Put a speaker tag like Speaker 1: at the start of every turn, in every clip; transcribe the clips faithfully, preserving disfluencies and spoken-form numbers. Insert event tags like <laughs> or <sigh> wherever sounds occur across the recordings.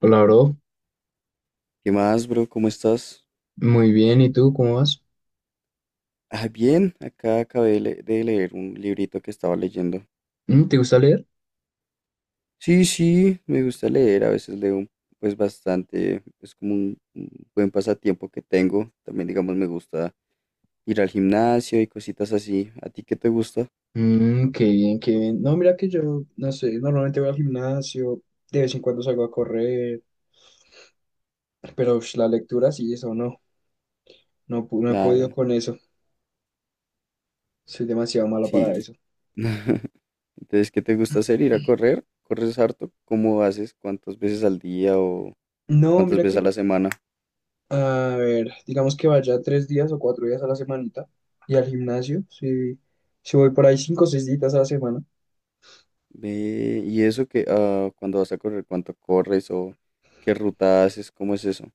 Speaker 1: Hola, bro.
Speaker 2: ¿Qué más, bro? ¿Cómo estás?
Speaker 1: Muy bien, ¿y tú cómo vas?
Speaker 2: Ah, bien, acá acabé de, le- de leer un librito que estaba leyendo.
Speaker 1: Mm, ¿te gusta leer?
Speaker 2: Sí, sí, me gusta leer, a veces leo pues bastante, es como un, un buen pasatiempo que tengo. También, digamos, me gusta ir al gimnasio y cositas así. ¿A ti qué te gusta?
Speaker 1: Mm, qué bien, qué bien. No, mira que yo, no sé, normalmente voy al gimnasio, de vez en cuando salgo a correr, pero ush, la lectura sí, eso no, no, pu- no he podido
Speaker 2: Claro,
Speaker 1: con eso. Soy demasiado malo para
Speaker 2: sí.
Speaker 1: eso.
Speaker 2: <laughs> Entonces, ¿qué te gusta hacer? ¿Ir a
Speaker 1: <clears throat>
Speaker 2: correr? ¿Corres harto? ¿Cómo haces? ¿Cuántas veces al día o
Speaker 1: No,
Speaker 2: cuántas
Speaker 1: mira
Speaker 2: veces a la
Speaker 1: que,
Speaker 2: semana?
Speaker 1: a ver, digamos que vaya tres días o cuatro días a la semanita y al gimnasio, sí, sí voy por ahí cinco o seis días a la semana.
Speaker 2: Ve, y eso que ah, cuando vas a correr, cuánto corres o qué ruta haces, cómo es eso.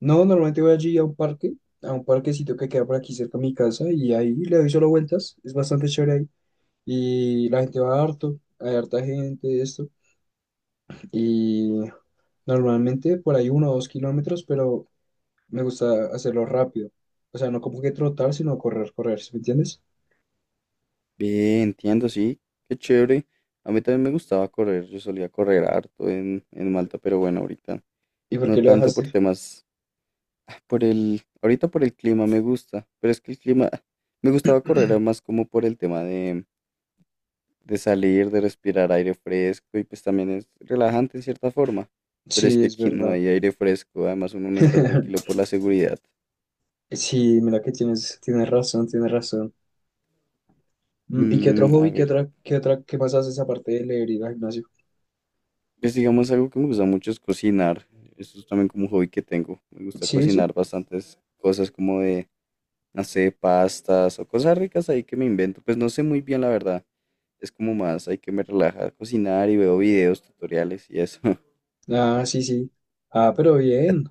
Speaker 1: No, normalmente voy allí a un parque, a un parquecito que queda por aquí cerca de mi casa y ahí le doy solo vueltas, es bastante chévere ahí y la gente va harto, hay harta gente, esto y normalmente por ahí uno o dos kilómetros, pero me gusta hacerlo rápido, o sea, no como que trotar, sino correr, correr, sí, ¿me entiendes?
Speaker 2: Ve, entiendo, sí, qué chévere. A mí también me gustaba correr, yo solía correr harto en, en Malta, pero bueno, ahorita
Speaker 1: ¿Y por
Speaker 2: no
Speaker 1: qué lo
Speaker 2: tanto por
Speaker 1: dejaste?
Speaker 2: temas, ah, por el, ahorita por el clima me gusta, pero es que el clima, <laughs> ah, me gustaba correr era más como por el tema de, de salir, de respirar aire fresco y pues también es relajante en cierta forma, pero es
Speaker 1: Sí,
Speaker 2: que
Speaker 1: es
Speaker 2: aquí no
Speaker 1: verdad.
Speaker 2: hay aire fresco, además uno no está tranquilo
Speaker 1: <laughs>
Speaker 2: por la seguridad.
Speaker 1: Sí, mira que tienes, tienes razón, tienes razón. Mm, ¿y qué otro
Speaker 2: Mm, a
Speaker 1: hobby, qué
Speaker 2: ver,
Speaker 1: otra, qué otra, qué más haces aparte de leer y ir al gimnasio?
Speaker 2: pues digamos algo que me gusta mucho es cocinar. Eso es también como un hobby que tengo. Me gusta
Speaker 1: Sí, sí.
Speaker 2: cocinar bastantes cosas como de, no sé, pastas o cosas ricas ahí que me invento. Pues no sé muy bien la verdad. Es como más, hay que me relaja cocinar y veo videos, tutoriales y eso. <laughs>
Speaker 1: Ah, sí, sí. Ah, pero
Speaker 2: ¿A,
Speaker 1: bien.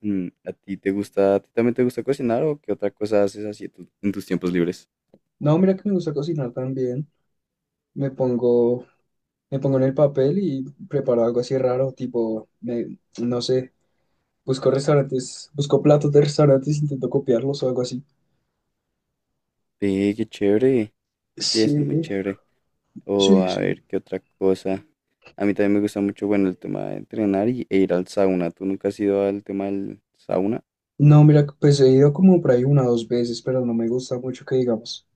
Speaker 2: mm, ¿a ti te gusta, a ti también te gusta cocinar o qué otra cosa haces así en tu- en tus tiempos libres?
Speaker 1: No, mira que me gusta cocinar también. Me pongo, me pongo en el papel y preparo algo así raro, tipo, me, no sé, busco restaurantes, busco platos de restaurantes, intento copiarlos o algo así.
Speaker 2: Sí, qué chévere. Sí, eso es muy
Speaker 1: Sí,
Speaker 2: chévere. O
Speaker 1: sí,
Speaker 2: a
Speaker 1: sí.
Speaker 2: ver, ¿qué otra cosa? A mí también me gusta mucho, bueno, el tema de entrenar y, e ir al sauna. ¿Tú nunca has ido al tema del sauna?
Speaker 1: No, mira, pues he ido como por ahí una o dos veces, pero no me gusta mucho que digamos.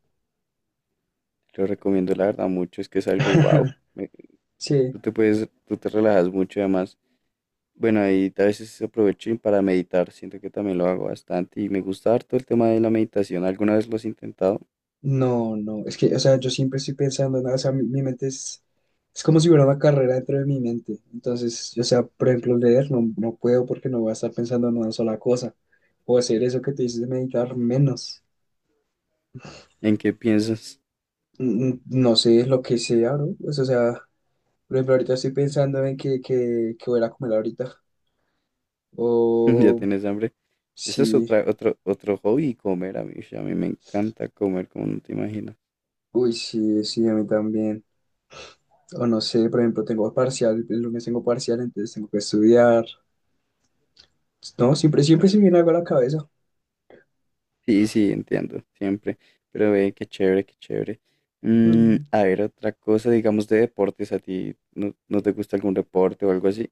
Speaker 2: Lo recomiendo, la verdad, mucho. Es que es algo wow.
Speaker 1: <laughs>
Speaker 2: Me-
Speaker 1: Sí.
Speaker 2: tú te puedes, tú te relajas mucho y además. Bueno, ahí a veces aprovecho y para meditar. Siento que también lo hago bastante y me gusta harto el tema de la meditación. ¿Alguna vez lo has intentado?
Speaker 1: No, no, es que, o sea, yo siempre estoy pensando, en- o sea, mi, mi mente es, es como si hubiera una carrera dentro de mi mente. Entonces, o sea, por ejemplo, leer no, no puedo porque no voy a estar pensando en una sola cosa. O hacer eso que te dices de meditar menos.
Speaker 2: ¿En qué piensas?
Speaker 1: Mm, mm, No sé lo que sea, ¿no? Pues, o sea, por ejemplo, ahorita estoy pensando en que, que, que voy a ir a comer ahorita.
Speaker 2: <laughs> ¿Ya
Speaker 1: O
Speaker 2: tienes hambre? Ese es
Speaker 1: sí,
Speaker 2: otra, otro, otro hobby, comer. A mí, a mí me encanta comer, como no te imaginas.
Speaker 1: uy, sí, sí, a mí también. O no sé, por ejemplo, tengo parcial, el lunes tengo parcial, entonces tengo que estudiar. No, siempre, siempre se me viene algo a la cabeza.
Speaker 2: Sí, sí, entiendo, siempre. Pero ve, qué chévere, qué chévere. Mm,
Speaker 1: Mm.
Speaker 2: a ver, otra cosa, digamos, de deportes, ¿a ti no, no te gusta algún deporte o algo así?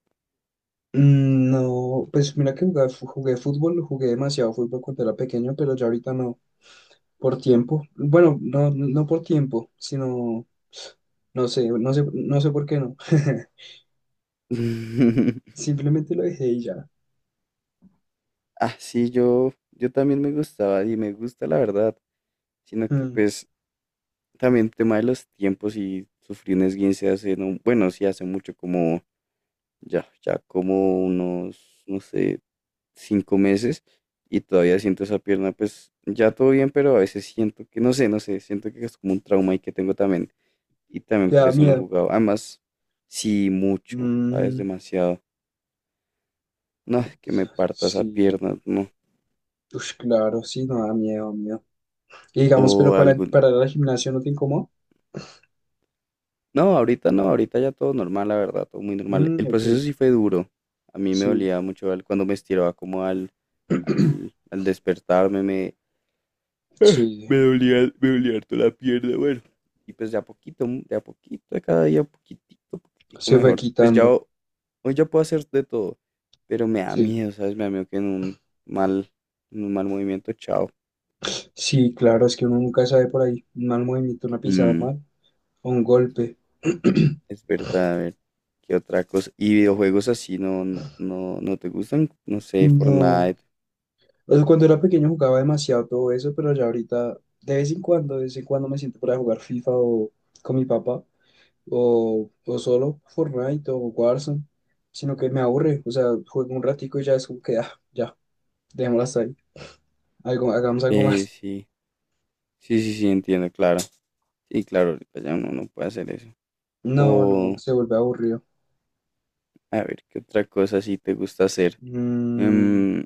Speaker 1: Mm, no, pues mira que jugué, fu- jugué fútbol, jugué demasiado fútbol cuando era pequeño, pero ya ahorita no, por tiempo. Bueno, no, no por tiempo, sino, no sé, no sé, no sé por qué no. <laughs>
Speaker 2: <laughs>
Speaker 1: Simplemente lo dejé y ya.
Speaker 2: Ah, sí, yo, yo también me gustaba y me gusta la verdad, sino que
Speaker 1: Mm,
Speaker 2: pues también tema de los tiempos y sufrí un esguince hace, no, bueno, sí hace mucho como, ya, ya como unos, no sé, cinco meses y todavía siento esa pierna, pues ya todo bien, pero a veces siento que, no sé, no sé, siento que es como un trauma y que tengo también. Y también
Speaker 1: Te
Speaker 2: por
Speaker 1: da
Speaker 2: eso no he
Speaker 1: miedo.
Speaker 2: jugado. Además, sí, mucho, ¿sabes?
Speaker 1: Mm,
Speaker 2: Demasiado. No, que me parta esa
Speaker 1: sí,
Speaker 2: pierna, no.
Speaker 1: pues claro, sí, no da miedo, miedo. Y
Speaker 2: O
Speaker 1: digamos, pero para,
Speaker 2: algún...
Speaker 1: para ir al gimnasio no te incomoda.
Speaker 2: No, ahorita no, ahorita ya todo normal, la verdad, todo muy normal.
Speaker 1: Mm,
Speaker 2: El
Speaker 1: ok,
Speaker 2: proceso sí fue duro. A mí me
Speaker 1: sí,
Speaker 2: dolía mucho al- cuando me estiraba como al,
Speaker 1: <clears throat>
Speaker 2: al, al despertarme, me,
Speaker 1: sí,
Speaker 2: me dolía, me dolía harto la pierna, bueno. Y pues de a poquito, de a poquito, de cada día, poquitito, poquitico
Speaker 1: se fue
Speaker 2: mejor. Pues ya
Speaker 1: quitando.
Speaker 2: ho- hoy ya puedo hacer de todo, pero me da
Speaker 1: Sí.
Speaker 2: miedo, ¿sabes? Me da miedo que en un mal, en un mal movimiento, chao.
Speaker 1: Sí, claro, es que uno nunca sabe por ahí. Un mal movimiento, una pisada
Speaker 2: Mm,
Speaker 1: mal o un golpe. <clears throat>
Speaker 2: es verdad, a ver, ¿qué otra cosa? Y videojuegos así no, no, no te gustan, no sé,
Speaker 1: No.
Speaker 2: Fortnite.
Speaker 1: O sea, cuando era pequeño jugaba demasiado todo eso, pero ya ahorita, de vez en cuando, de vez en cuando me siento para jugar FIFA o con mi papá, o, o solo Fortnite o Warzone, sino que me aburre. O sea, juego un ratico y ya es como que, ah, ya, dejémoslo hasta ahí. Algo, hagamos algo
Speaker 2: Eh,
Speaker 1: más.
Speaker 2: sí, sí, sí, sí, entiendo, claro. Sí, claro, ahorita ya uno no puede hacer eso.
Speaker 1: No, no,
Speaker 2: O,
Speaker 1: se vuelve aburrido.
Speaker 2: a ver, ¿qué otra cosa sí te gusta hacer?
Speaker 1: Mm,
Speaker 2: Em,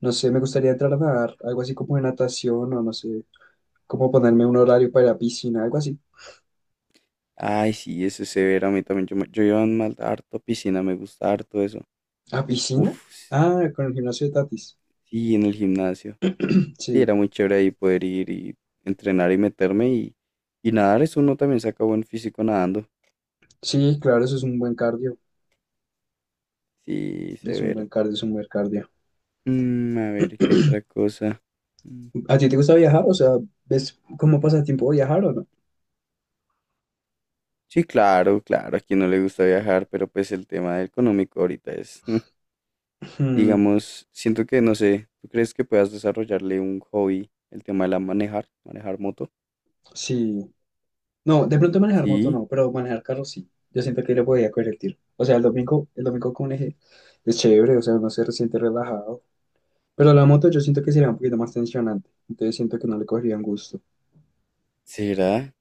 Speaker 1: no sé, me gustaría entrar a nadar, algo así como de natación o no sé, como ponerme un horario para ir a piscina, algo así.
Speaker 2: Ay, sí, eso es severo. A mí también. Yo, me- yo iba en mal- harto a piscina, me gusta harto eso.
Speaker 1: ¿A
Speaker 2: Uf,
Speaker 1: piscina? Ah, con el gimnasio de Tatis.
Speaker 2: sí, en el gimnasio. Sí,
Speaker 1: Sí,
Speaker 2: era muy chévere ahí poder ir y entrenar y meterme y, y nadar. Eso uno también saca buen físico nadando.
Speaker 1: sí, claro, eso es un buen cardio.
Speaker 2: Sí,
Speaker 1: Es un buen
Speaker 2: severo.
Speaker 1: cardio, es un buen cardio.
Speaker 2: Mm, a ver, ¿qué otra cosa? Mm,
Speaker 1: ¿A ti te gusta viajar? O sea, ¿ves cómo pasa el tiempo viajar o no?
Speaker 2: Sí, claro, claro, a quien no le gusta viajar, pero pues el tema económico ahorita es, mm,
Speaker 1: Hmm,
Speaker 2: digamos, siento que, no sé, ¿tú crees que puedas desarrollarle un hobby, el tema de la manejar, manejar moto?
Speaker 1: sí. No, de pronto manejar moto
Speaker 2: Sí,
Speaker 1: no, pero manejar carro sí. Yo siento que le podía coger el tiro. O sea, el domingo, el domingo con un eje es chévere, o sea, uno se siente relajado. Pero la moto yo siento que sería un poquito más tensionante. Entonces siento que no le cogerían gusto.
Speaker 2: será.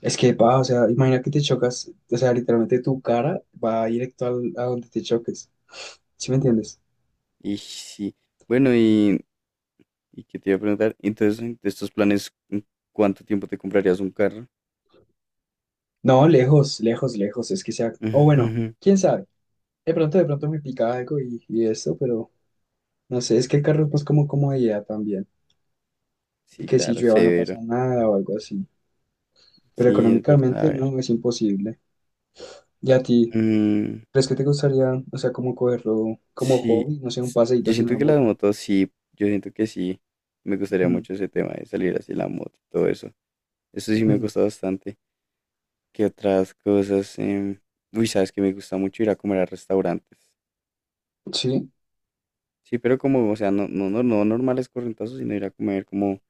Speaker 1: Es que va, o sea, imagina que te chocas, o sea, literalmente tu cara va directo al- a donde te choques. ¿Sí me entiendes?
Speaker 2: Y sí, bueno, y, y qué te iba a preguntar, entonces, de estos planes, ¿en cuánto tiempo te comprarías un carro?
Speaker 1: No, lejos, lejos, lejos. Es que sea. O bueno,
Speaker 2: Ujú, <laughs>
Speaker 1: quién sabe. De pronto, de pronto me pica algo y, y esto, pero no sé, es que el carro es más como comodidad también. Y
Speaker 2: Sí,
Speaker 1: que si
Speaker 2: claro,
Speaker 1: llueva no pasa
Speaker 2: severo.
Speaker 1: nada o algo así. Pero
Speaker 2: Sí, es verdad, a
Speaker 1: económicamente
Speaker 2: ver.
Speaker 1: no, es imposible. ¿Y a ti?
Speaker 2: Mm,
Speaker 1: ¿Crees que te gustaría, o sea, como cogerlo como
Speaker 2: sí,
Speaker 1: hobby? No sé, un
Speaker 2: s-
Speaker 1: paseíto
Speaker 2: yo
Speaker 1: así en
Speaker 2: siento
Speaker 1: la
Speaker 2: que las
Speaker 1: moto.
Speaker 2: motos sí, yo siento que sí, me gustaría
Speaker 1: Ujú.
Speaker 2: mucho ese tema de salir así en la moto y todo eso. Eso sí me
Speaker 1: Mm.
Speaker 2: gusta bastante. ¿Qué otras cosas? Em, uy, sabes que me gusta mucho ir a comer a restaurantes.
Speaker 1: Sí,
Speaker 2: Sí, pero como, o sea, no, no, no, no normales corrientazos, sino ir a comer como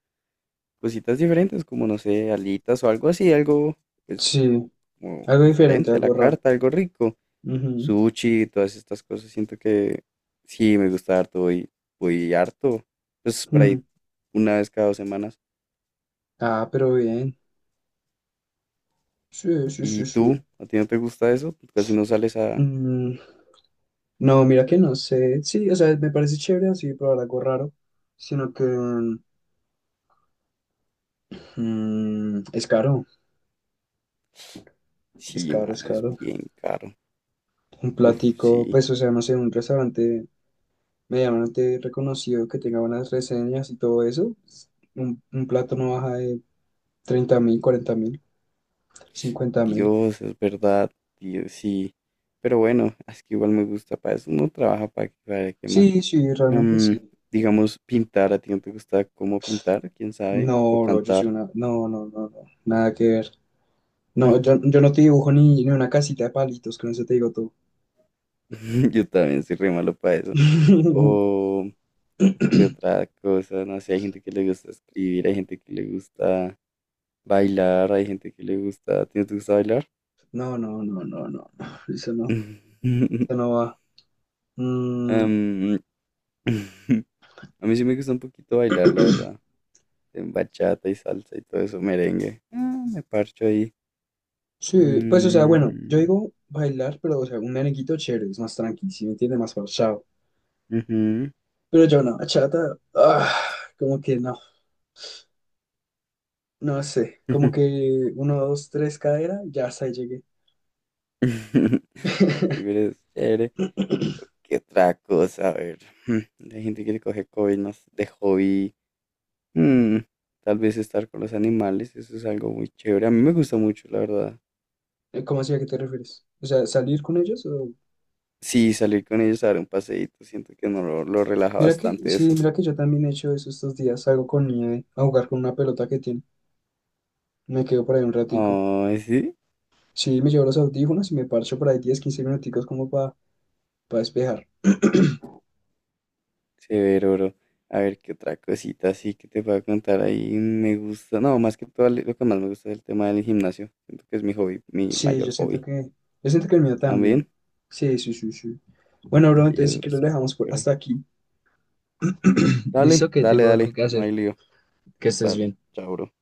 Speaker 2: cositas diferentes, como no sé, alitas o algo así, algo pues
Speaker 1: sí.
Speaker 2: como
Speaker 1: Algo diferente,
Speaker 2: diferente a la
Speaker 1: algo raro.
Speaker 2: carta, algo rico.
Speaker 1: Ujú.
Speaker 2: Sushi, todas estas cosas, siento que sí me gusta harto, voy, voy harto, pues por ahí
Speaker 1: Mm,
Speaker 2: una vez cada dos semanas.
Speaker 1: Ah, pero bien. Sí, sí, sí,
Speaker 2: ¿Y
Speaker 1: sí.
Speaker 2: tú? ¿A ti no te gusta eso? Pues, Casi no sales a...
Speaker 1: Mm, no, mira que no sé. Sí, o sea, me parece chévere así probar algo raro, sino que mm, es caro, es
Speaker 2: Sí,
Speaker 1: caro, es
Speaker 2: mano, es
Speaker 1: caro.
Speaker 2: bien caro.
Speaker 1: Un
Speaker 2: Uf,
Speaker 1: platico,
Speaker 2: sí.
Speaker 1: pues, o sea, no sé, un restaurante medianamente reconocido que tenga buenas reseñas y todo eso, un, un plato no baja de treinta mil, cuarenta mil, cincuenta mil.
Speaker 2: Dios, es verdad. Dios, sí. Pero bueno, es que igual me gusta para eso. Uno trabaja para, que, para que más.
Speaker 1: Sí, sí, realmente sí.
Speaker 2: Am, digamos, pintar, ¿a ti no te gusta cómo pintar? ¿Quién sabe? O
Speaker 1: No, bro, yo soy
Speaker 2: cantar.
Speaker 1: una. No, no, no, no, nada que ver. No, yo,
Speaker 2: <laughs>
Speaker 1: yo no te dibujo ni, ni una casita de palitos, con eso te digo todo.
Speaker 2: Yo también soy re malo para eso.
Speaker 1: <laughs>
Speaker 2: O qué otra cosa, no sé, hay gente que le gusta escribir, hay gente que le gusta bailar, hay gente que le gusta... ¿A ti no te gusta bailar?
Speaker 1: No, no, no, no, no, no, eso no,
Speaker 2: <laughs>
Speaker 1: eso no va. Mm,
Speaker 2: Am, <laughs> a mí sí me gusta un poquito bailar, la verdad.
Speaker 1: <clears throat>
Speaker 2: En bachata y salsa y todo eso, merengue. Ah, me parcho ahí.
Speaker 1: sí, pues, o sea, bueno, yo
Speaker 2: Mm,
Speaker 1: digo bailar, pero, o sea, un merenguito chévere, es más tranqui, si me entiende, más pausado.
Speaker 2: ujú.
Speaker 1: Pero yo no, bachata, ah, como que no, no sé, como
Speaker 2: <laughs>
Speaker 1: que uno, dos, tres cadera, ya hasta ahí llegué.
Speaker 2: <laughs> Sí, pero es chévere.
Speaker 1: <laughs>
Speaker 2: ¿Qué otra cosa? A ver, mm, la gente quiere coger coge COVID no de hobby. Mm, tal vez estar con los animales, eso es algo muy chévere. A mí me gusta mucho, la verdad.
Speaker 1: ¿Cómo así, a qué te refieres? O sea, ¿salir con ellos? O
Speaker 2: Sí, salir con ellos a dar un paseíto, siento que no lo, lo relaja
Speaker 1: Mira que,
Speaker 2: bastante eso.
Speaker 1: sí, mira que yo también he hecho eso estos días. Salgo con nieve a jugar con una pelota que tiene. Me quedo por ahí un ratico.
Speaker 2: Ay, sí,
Speaker 1: Sí, me llevo los audífonos y me parcho por ahí diez quince minuticos como para despejar.
Speaker 2: severo, bro. A ver, ¿qué otra cosita así que te puedo contar ahí? Me gusta, no, más que todo, lo que más me gusta es el tema del gimnasio. Siento que es mi hobby, mi
Speaker 1: Sí,
Speaker 2: mayor
Speaker 1: yo siento
Speaker 2: hobby.
Speaker 1: que, yo siento que el mío también.
Speaker 2: También,
Speaker 1: Sí, sí, sí, sí. Bueno, bro,
Speaker 2: sí,
Speaker 1: entonces sí
Speaker 2: es
Speaker 1: que lo
Speaker 2: bastante
Speaker 1: dejamos por hasta
Speaker 2: chévere.
Speaker 1: aquí. <clears throat> Listo,
Speaker 2: Dale,
Speaker 1: que
Speaker 2: dale,
Speaker 1: tengo algo
Speaker 2: dale,
Speaker 1: que
Speaker 2: no
Speaker 1: hacer.
Speaker 2: hay lío.
Speaker 1: Que estés
Speaker 2: Dale,
Speaker 1: bien.
Speaker 2: chao, bro.